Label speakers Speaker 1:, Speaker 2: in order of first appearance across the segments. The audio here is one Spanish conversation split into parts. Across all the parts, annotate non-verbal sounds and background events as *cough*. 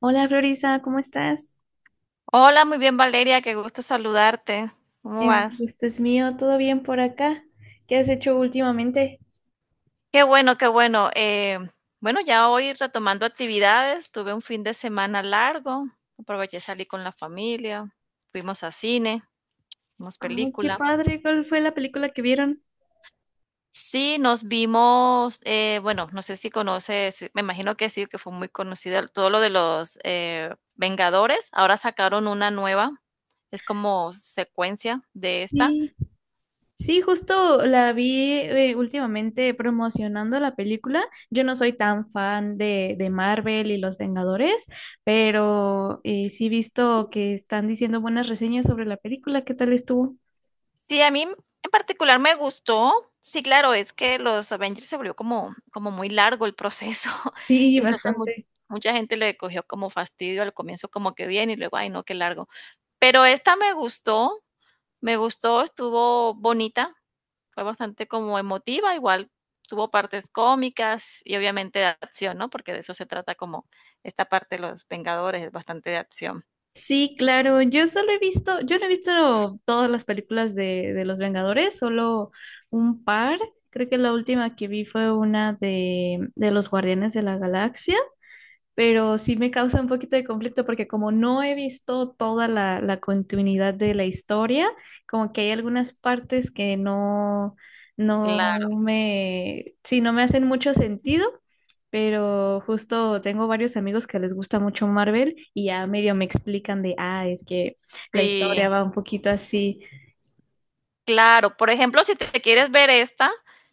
Speaker 1: Hola Florisa, ¿cómo estás?
Speaker 2: Hola, muy bien Valeria, qué gusto saludarte. ¿Cómo vas?
Speaker 1: Gusto es mío. ¿Todo bien por acá? ¿Qué has hecho últimamente?
Speaker 2: Qué bueno, qué bueno. Bueno, ya hoy retomando actividades, tuve un fin de semana largo, aproveché, salí con la familia, fuimos a cine, vimos
Speaker 1: Ah, qué
Speaker 2: película.
Speaker 1: padre, ¿cuál fue la película que vieron?
Speaker 2: Sí, nos vimos, bueno, no sé si conoces, me imagino que sí, que fue muy conocido todo lo de los Vengadores. Ahora sacaron una nueva, es como secuencia de esta.
Speaker 1: Sí, sí, justo la vi últimamente promocionando la película. Yo no soy tan fan de Marvel y los Vengadores, pero sí he visto que están diciendo buenas reseñas sobre la película. ¿Qué tal estuvo?
Speaker 2: Sí, a mí en particular me gustó. Sí, claro, es que los Avengers se volvió como muy largo el proceso. *laughs*
Speaker 1: Sí,
Speaker 2: Y entonces, mu
Speaker 1: bastante.
Speaker 2: mucha gente le cogió como fastidio al comienzo, como que bien, y luego, ay, no, qué largo. Pero esta me gustó, estuvo bonita, fue bastante como emotiva, igual tuvo partes cómicas y obviamente de acción, ¿no? Porque de eso se trata como esta parte de los Vengadores, es bastante de acción.
Speaker 1: Sí, claro. Yo solo he visto, yo no he visto todas las películas de los Vengadores, solo un par. Creo que la última que vi fue una de los Guardianes de la Galaxia, pero sí me causa un poquito de conflicto porque como no he visto toda la continuidad de la historia, como que hay algunas partes que no, no
Speaker 2: Claro,
Speaker 1: me, sí, no me hacen mucho sentido, pero justo tengo varios amigos que les gusta mucho Marvel y ya medio me explican de, ah, es que la historia
Speaker 2: sí.
Speaker 1: va un poquito así.
Speaker 2: Claro, por ejemplo, si te quieres ver esta,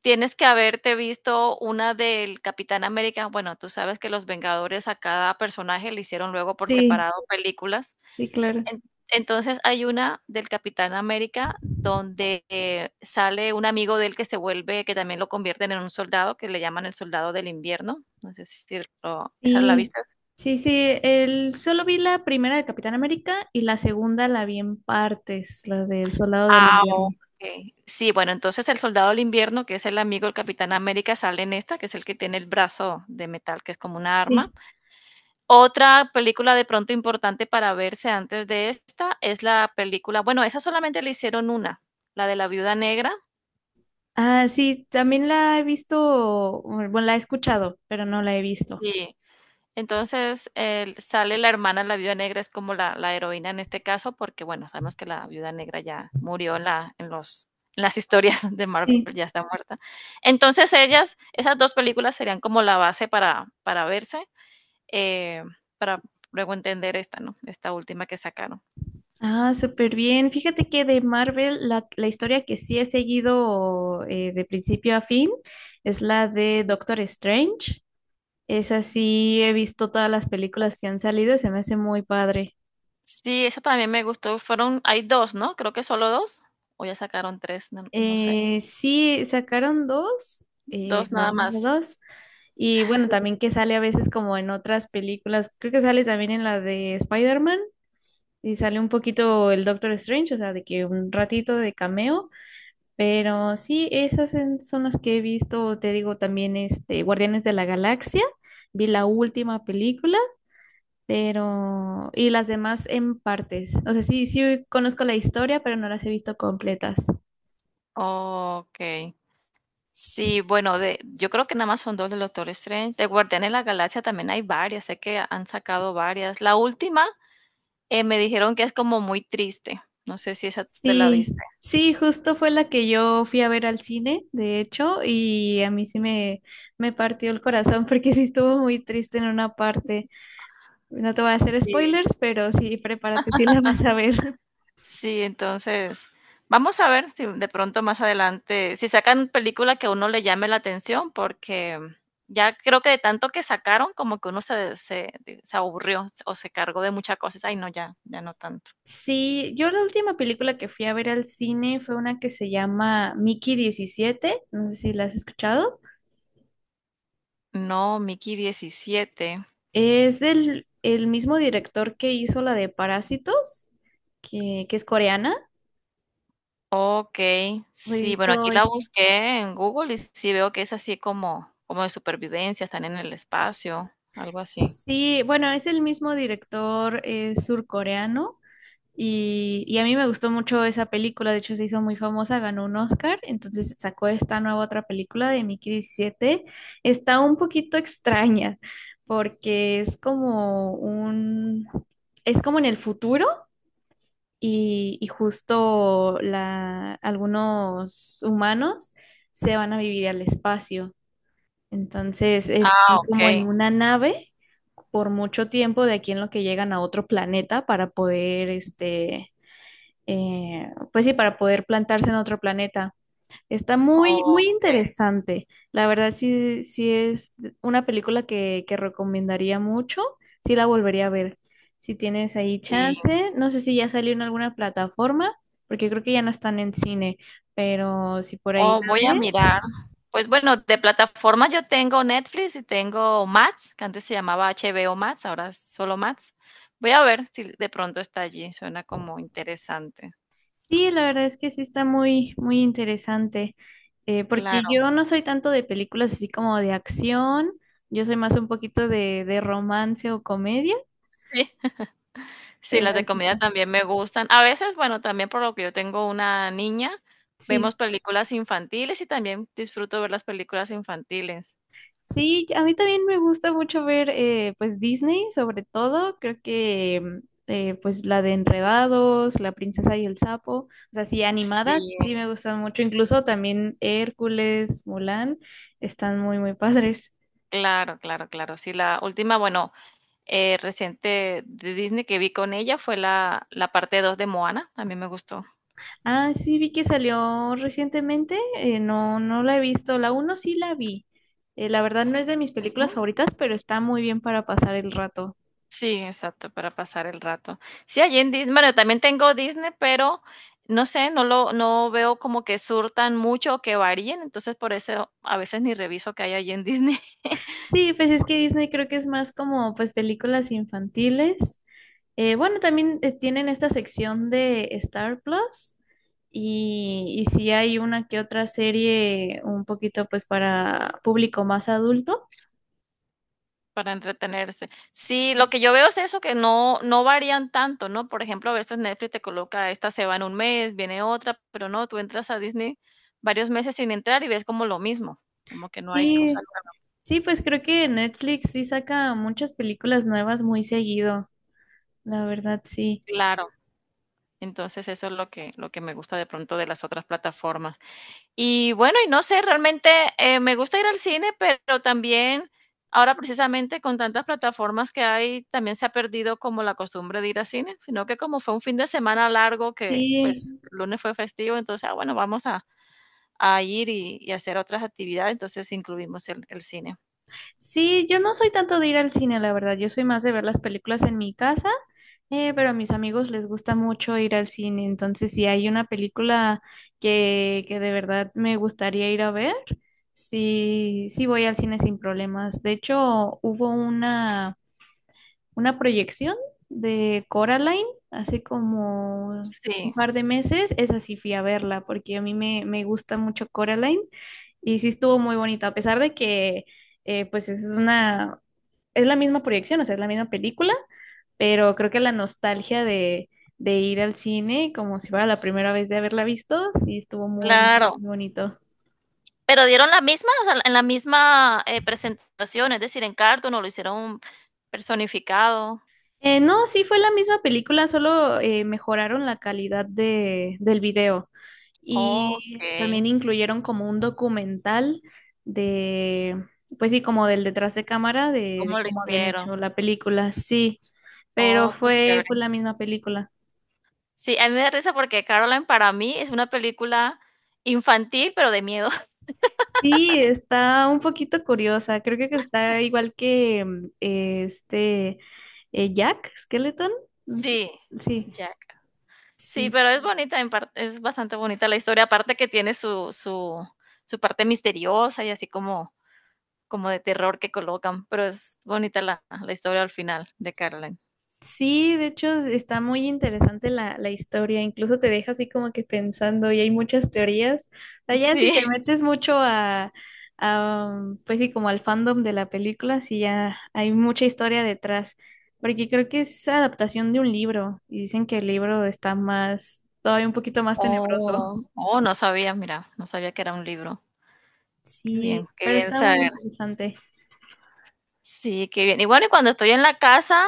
Speaker 2: tienes que haberte visto una del Capitán América. Bueno, tú sabes que los Vengadores a cada personaje le hicieron luego por
Speaker 1: Sí,
Speaker 2: separado películas.
Speaker 1: sí, claro.
Speaker 2: En- entonces hay una del Capitán América donde sale un amigo de él que se vuelve, que también lo convierten en un soldado, que le llaman el soldado del invierno. No sé si lo, esa la
Speaker 1: Sí,
Speaker 2: viste.
Speaker 1: sí, sí, el, solo vi la primera de Capitán América y la segunda la vi en partes, la del Soldado del
Speaker 2: Ah,
Speaker 1: Invierno.
Speaker 2: okey. Sí, bueno, entonces el Soldado del Invierno, que es el amigo del Capitán América, sale en esta, que es el que tiene el brazo de metal, que es como una arma.
Speaker 1: Sí.
Speaker 2: Otra película de pronto importante para verse antes de esta es la película bueno, esa solamente le hicieron una, la de la Viuda Negra.
Speaker 1: Ah, sí, también la he visto, bueno, bueno, la he escuchado, pero no la he visto.
Speaker 2: Sí. Entonces, el sale la hermana, la viuda negra es como la heroína en este caso, porque, bueno, sabemos que la viuda negra ya murió en la en los en las historias *laughs* de Marvel,
Speaker 1: Sí.
Speaker 2: ya está muerta. Entonces, ellas esas 2 películas serían como la base para verse, eh, para luego entender esta, ¿no? Esta última que sacaron.
Speaker 1: Ah, súper bien. Fíjate que de Marvel, la historia que sí he seguido de principio a fin es la de Doctor Strange. Esa sí he visto todas las películas que han salido, se me hace muy padre.
Speaker 2: Sí, esa también me gustó, fueron hay dos, ¿no? Creo que solo 2 o ya sacaron tres, no sé,
Speaker 1: Sí, sacaron dos,
Speaker 2: dos
Speaker 1: la
Speaker 2: nada
Speaker 1: uno y
Speaker 2: más.
Speaker 1: la dos. Y bueno, también que sale a veces como en otras películas, creo que sale también en la de Spider-Man y sale un poquito el Doctor Strange, o sea, de que un ratito de cameo, pero sí, son las que he visto, te digo también este Guardianes de la Galaxia, vi la última película, pero y las demás en partes. O sea, sí, sí conozco la historia, pero no las he visto completas.
Speaker 2: Okey. Sí, bueno, de, yo creo que nada más son dos de Doctor Strange. De Guardianes de la Galaxia también hay varias, sé que han sacado varias. La última me dijeron que es como muy triste. No sé si esa tú te la
Speaker 1: Sí,
Speaker 2: viste.
Speaker 1: sí, justo fue la que yo fui a ver al cine, de hecho, y a mí sí me partió el corazón *laughs* porque sí estuvo muy triste en una parte. No te voy a hacer
Speaker 2: Sí,
Speaker 1: spoilers, pero sí, prepárate, sí la vas a ver. *laughs*
Speaker 2: sí, entonces vamos a ver si de pronto más adelante, si sacan película que a uno le llame la atención, porque ya creo que de tanto que sacaron, como que uno se se, aburrió o se cargó de muchas cosas. Ay, no, ya, ya no tanto.
Speaker 1: Sí, yo la última película que fui a ver al cine fue una que se llama Mickey diecisiete. No sé si la has escuchado.
Speaker 2: No, Mickey 17.
Speaker 1: Es del el mismo director que hizo la de Parásitos, que es coreana.
Speaker 2: Okey. Sí, bueno, aquí
Speaker 1: Hizo
Speaker 2: la busqué en Google y sí veo que es así como de supervivencia, están en el espacio, algo así.
Speaker 1: sí, bueno, es el mismo director surcoreano y a mí me gustó mucho esa película, de hecho se hizo muy famosa, ganó un Oscar, entonces sacó esta nueva otra película de Mickey 17. Está un poquito extraña porque es como en el futuro y justo la, algunos humanos se van a vivir al espacio, entonces es
Speaker 2: Ah,
Speaker 1: como
Speaker 2: okey,
Speaker 1: en una nave por mucho tiempo de aquí en lo que llegan a otro planeta para poder, este, pues sí, para poder plantarse en otro planeta. Está muy, muy
Speaker 2: okey,
Speaker 1: interesante. La verdad, sí, sí es una película que recomendaría mucho. Sí la volvería a ver. Si tienes ahí
Speaker 2: sí.
Speaker 1: chance, no sé si ya salió en alguna plataforma, porque creo que ya no están en cine, pero si por ahí
Speaker 2: Oh,
Speaker 1: la
Speaker 2: voy a
Speaker 1: ves.
Speaker 2: mirar. Pues, bueno, de plataformas yo tengo Netflix y tengo Max, que antes se llamaba HBO Max, ahora es solo Max. Voy a ver si de pronto está allí, suena como interesante.
Speaker 1: Sí, la verdad es que sí está muy, muy interesante, porque
Speaker 2: Claro,
Speaker 1: yo no soy tanto de películas así como de acción, yo soy más un poquito de romance o comedia,
Speaker 2: sí. Sí, las
Speaker 1: pero
Speaker 2: de
Speaker 1: sí
Speaker 2: comida
Speaker 1: está.
Speaker 2: también me gustan. A veces, bueno, también por lo que yo tengo una niña, vemos
Speaker 1: Sí,
Speaker 2: películas infantiles y también disfruto ver las películas infantiles.
Speaker 1: sí, a mí también me gusta mucho ver pues Disney, sobre todo. Creo que pues la de Enredados, La Princesa y el Sapo, o sea, sí,
Speaker 2: Sí,
Speaker 1: animadas, sí me gustan mucho, incluso también Hércules, Mulan, están muy, muy padres.
Speaker 2: claro, claro, claro. Sí, la última, bueno, reciente de Disney que vi con ella fue la parte dos de Moana 2, también me gustó.
Speaker 1: Ah, sí, vi que salió recientemente. No, no la he visto. La uno sí la vi. La verdad no es de mis
Speaker 2: Ujú.
Speaker 1: películas favoritas, pero está muy bien para pasar el rato.
Speaker 2: Sí, exacto, para pasar el rato. Sí, allí en Disney, bueno, también tengo Disney, pero no sé, no veo como que surtan mucho o que varíen, entonces por eso a veces ni reviso que hay allí en Disney.
Speaker 1: Sí, pues es que Disney creo que es más como pues películas infantiles. Bueno, también tienen esta sección de Star Plus y sí hay una que otra serie un poquito pues para público más adulto.
Speaker 2: Para entretenerse. Sí, lo que yo veo es eso, que no varían tanto, ¿no? Por ejemplo, a veces Netflix te coloca, esta se va en un mes, viene otra, pero no, tú entras a Disney varios meses sin entrar y ves como lo mismo, como que no hay cosa
Speaker 1: Sí,
Speaker 2: nueva.
Speaker 1: sí, pues creo que Netflix sí saca muchas películas nuevas muy seguido. La verdad, sí.
Speaker 2: Claro, entonces eso es lo que me gusta de pronto de las otras plataformas. Y bueno, y no sé, realmente, me gusta ir al cine, pero también ahora precisamente con tantas plataformas que hay, también se ha perdido como la costumbre de ir al cine, sino que como fue un fin de semana largo que,
Speaker 1: Sí,
Speaker 2: pues, lunes fue festivo, entonces, ah, bueno, vamos a ir y hacer otras actividades, entonces incluimos el cine.
Speaker 1: sí, yo no soy tanto de ir al cine, la verdad. Yo soy más de ver las películas en mi casa, pero a mis amigos les gusta mucho ir al cine. Entonces, si hay una película que de verdad me gustaría ir a ver, sí, sí voy al cine sin problemas. De hecho, hubo una proyección de Coraline hace como un
Speaker 2: Sí,
Speaker 1: par de meses. Esa sí fui a verla porque a mí me gusta mucho Coraline y sí estuvo muy bonito a pesar de que pues es la misma proyección, o sea, es la misma película, pero creo que la nostalgia de ir al cine como si fuera la primera vez de haberla visto, sí estuvo muy
Speaker 2: claro.
Speaker 1: bonito.
Speaker 2: Pero dieron la misma, o sea, en la misma, presentación, es decir, en cartón, o lo hicieron personificado.
Speaker 1: No, sí fue la misma película, solo mejoraron la calidad del video y
Speaker 2: Okey,
Speaker 1: también incluyeron como un documental de, pues sí, como del detrás de cámara
Speaker 2: ¿cómo
Speaker 1: de
Speaker 2: lo
Speaker 1: cómo habían
Speaker 2: hicieron?
Speaker 1: hecho la película, sí, pero
Speaker 2: Oh, qué
Speaker 1: fue
Speaker 2: chévere.
Speaker 1: pues la misma película.
Speaker 2: Sí, a mí me da risa porque Caroline para mí es una película infantil, pero de miedo. *laughs*
Speaker 1: Sí, está un poquito curiosa, creo que está igual que Jack Skeleton, no sé,
Speaker 2: Sí,
Speaker 1: sí,
Speaker 2: Jack. Sí,
Speaker 1: sí.
Speaker 2: pero es bonita en parte, es bastante bonita la historia, aparte que tiene su su parte misteriosa y así como, como de terror que colocan, pero es bonita la, la historia al final de Caroline.
Speaker 1: Sí, de hecho está muy interesante la historia, incluso te deja así como que pensando y hay muchas teorías. O sea, ya si
Speaker 2: Sí.
Speaker 1: te
Speaker 2: *laughs*
Speaker 1: metes mucho pues sí, como al fandom de la película, sí ya hay mucha historia detrás, porque creo que es adaptación de un libro y dicen que el libro está más, todavía un poquito más tenebroso.
Speaker 2: Oh, oh, no sabía, mira, no sabía que era un libro.
Speaker 1: Sí,
Speaker 2: Qué
Speaker 1: pero
Speaker 2: bien
Speaker 1: está muy
Speaker 2: saber.
Speaker 1: interesante.
Speaker 2: Sí, qué bien. Y bueno, y cuando estoy en la casa,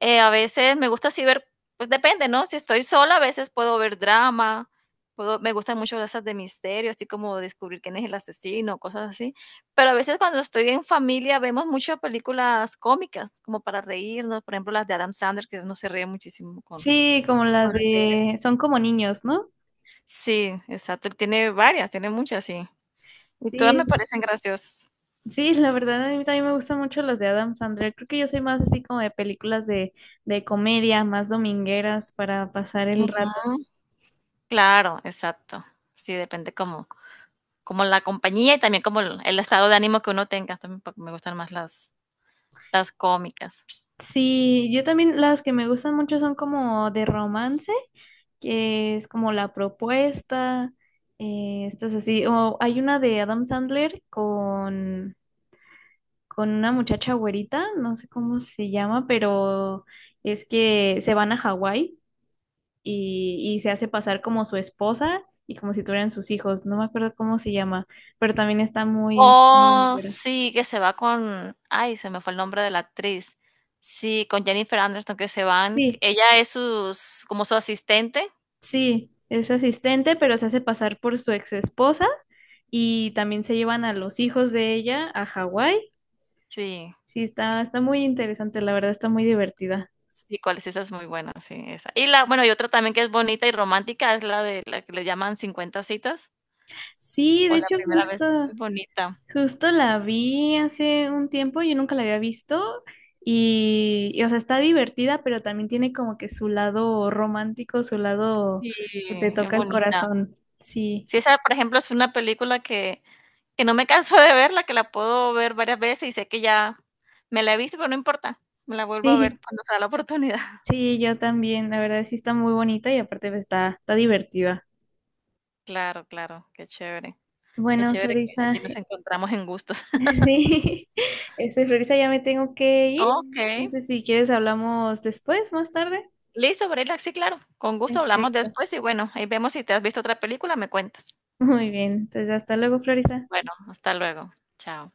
Speaker 2: a veces me gusta así ver, pues depende, ¿no? Si estoy sola, a veces puedo ver drama, puedo, me gustan mucho las de misterio, así como descubrir quién es el asesino, cosas así. Pero a veces cuando estoy en familia vemos muchas películas cómicas, como para reírnos, por ejemplo, las de Adam Sandler, que uno se ríe muchísimo con.
Speaker 1: Sí, como la
Speaker 2: Con las de él.
Speaker 1: de, son como niños, ¿no?
Speaker 2: Sí, exacto. Él tiene varias, tiene muchas, sí. Y todas me
Speaker 1: Sí,
Speaker 2: parecen graciosas.
Speaker 1: sí, la verdad a mí también me gustan mucho las de Adam Sandler. Creo que yo soy más así como de películas de comedia, más domingueras para pasar el rato.
Speaker 2: Ujú. Claro, exacto. Sí, depende cómo. Como la compañía y también como el estado de ánimo que uno tenga. También me gustan más las cómicas.
Speaker 1: Sí, yo también las que me gustan mucho son como de romance, que es como La Propuesta, estas así. O hay una de Adam Sandler con una muchacha güerita, no sé cómo se llama, pero es que se van a Hawái. Y, y se hace pasar como su esposa y como si tuvieran sus hijos. No me acuerdo cómo se llama, pero también está muy, muy de
Speaker 2: Oh,
Speaker 1: mollera.
Speaker 2: sí, que se va con, ay, se me fue el nombre de la actriz. Sí, con Jennifer Anderson que se van.
Speaker 1: Sí,
Speaker 2: Ella es sus, como su asistente.
Speaker 1: sí, es asistente, pero se hace pasar por su ex esposa y también se llevan a los hijos de ella a Hawái.
Speaker 2: Sí,
Speaker 1: Sí, está, está muy interesante, la verdad, está muy divertida.
Speaker 2: sí, cuál es esa es muy buena, sí, esa. Y la, bueno, y otra también que es bonita y romántica es la que le llaman 50 citas
Speaker 1: Sí,
Speaker 2: o
Speaker 1: de
Speaker 2: la
Speaker 1: hecho,
Speaker 2: primera vez.
Speaker 1: justo,
Speaker 2: Es bonita.
Speaker 1: justo la vi hace un tiempo, yo nunca la había visto o sea, está divertida, pero también tiene como que su lado romántico, su lado
Speaker 2: Sí,
Speaker 1: que te
Speaker 2: es
Speaker 1: toca el
Speaker 2: bonita.
Speaker 1: corazón. Sí,
Speaker 2: Sí, esa, por ejemplo, es una película que no me canso de verla, que la puedo ver varias veces y sé que ya me la he visto, pero no importa, me la vuelvo a
Speaker 1: sí,
Speaker 2: ver cuando sea la oportunidad. *laughs*
Speaker 1: sí, yo también, la verdad sí está muy bonita y aparte pues, está, está divertida.
Speaker 2: Claro, claro, qué
Speaker 1: Bueno,
Speaker 2: chévere que allí
Speaker 1: Florisa,
Speaker 2: nos
Speaker 1: *laughs*
Speaker 2: encontramos en gustos. *laughs*
Speaker 1: sí, este, Florisa, ya me tengo que ir.
Speaker 2: Okey,
Speaker 1: Entonces, si quieres, hablamos después, más tarde.
Speaker 2: listo, Brela, sí, claro, con gusto hablamos
Speaker 1: Perfecto.
Speaker 2: después y bueno, ahí vemos si te has visto otra película, me cuentas.
Speaker 1: Muy bien, entonces hasta luego, Florisa.
Speaker 2: Bueno, hasta luego, chao.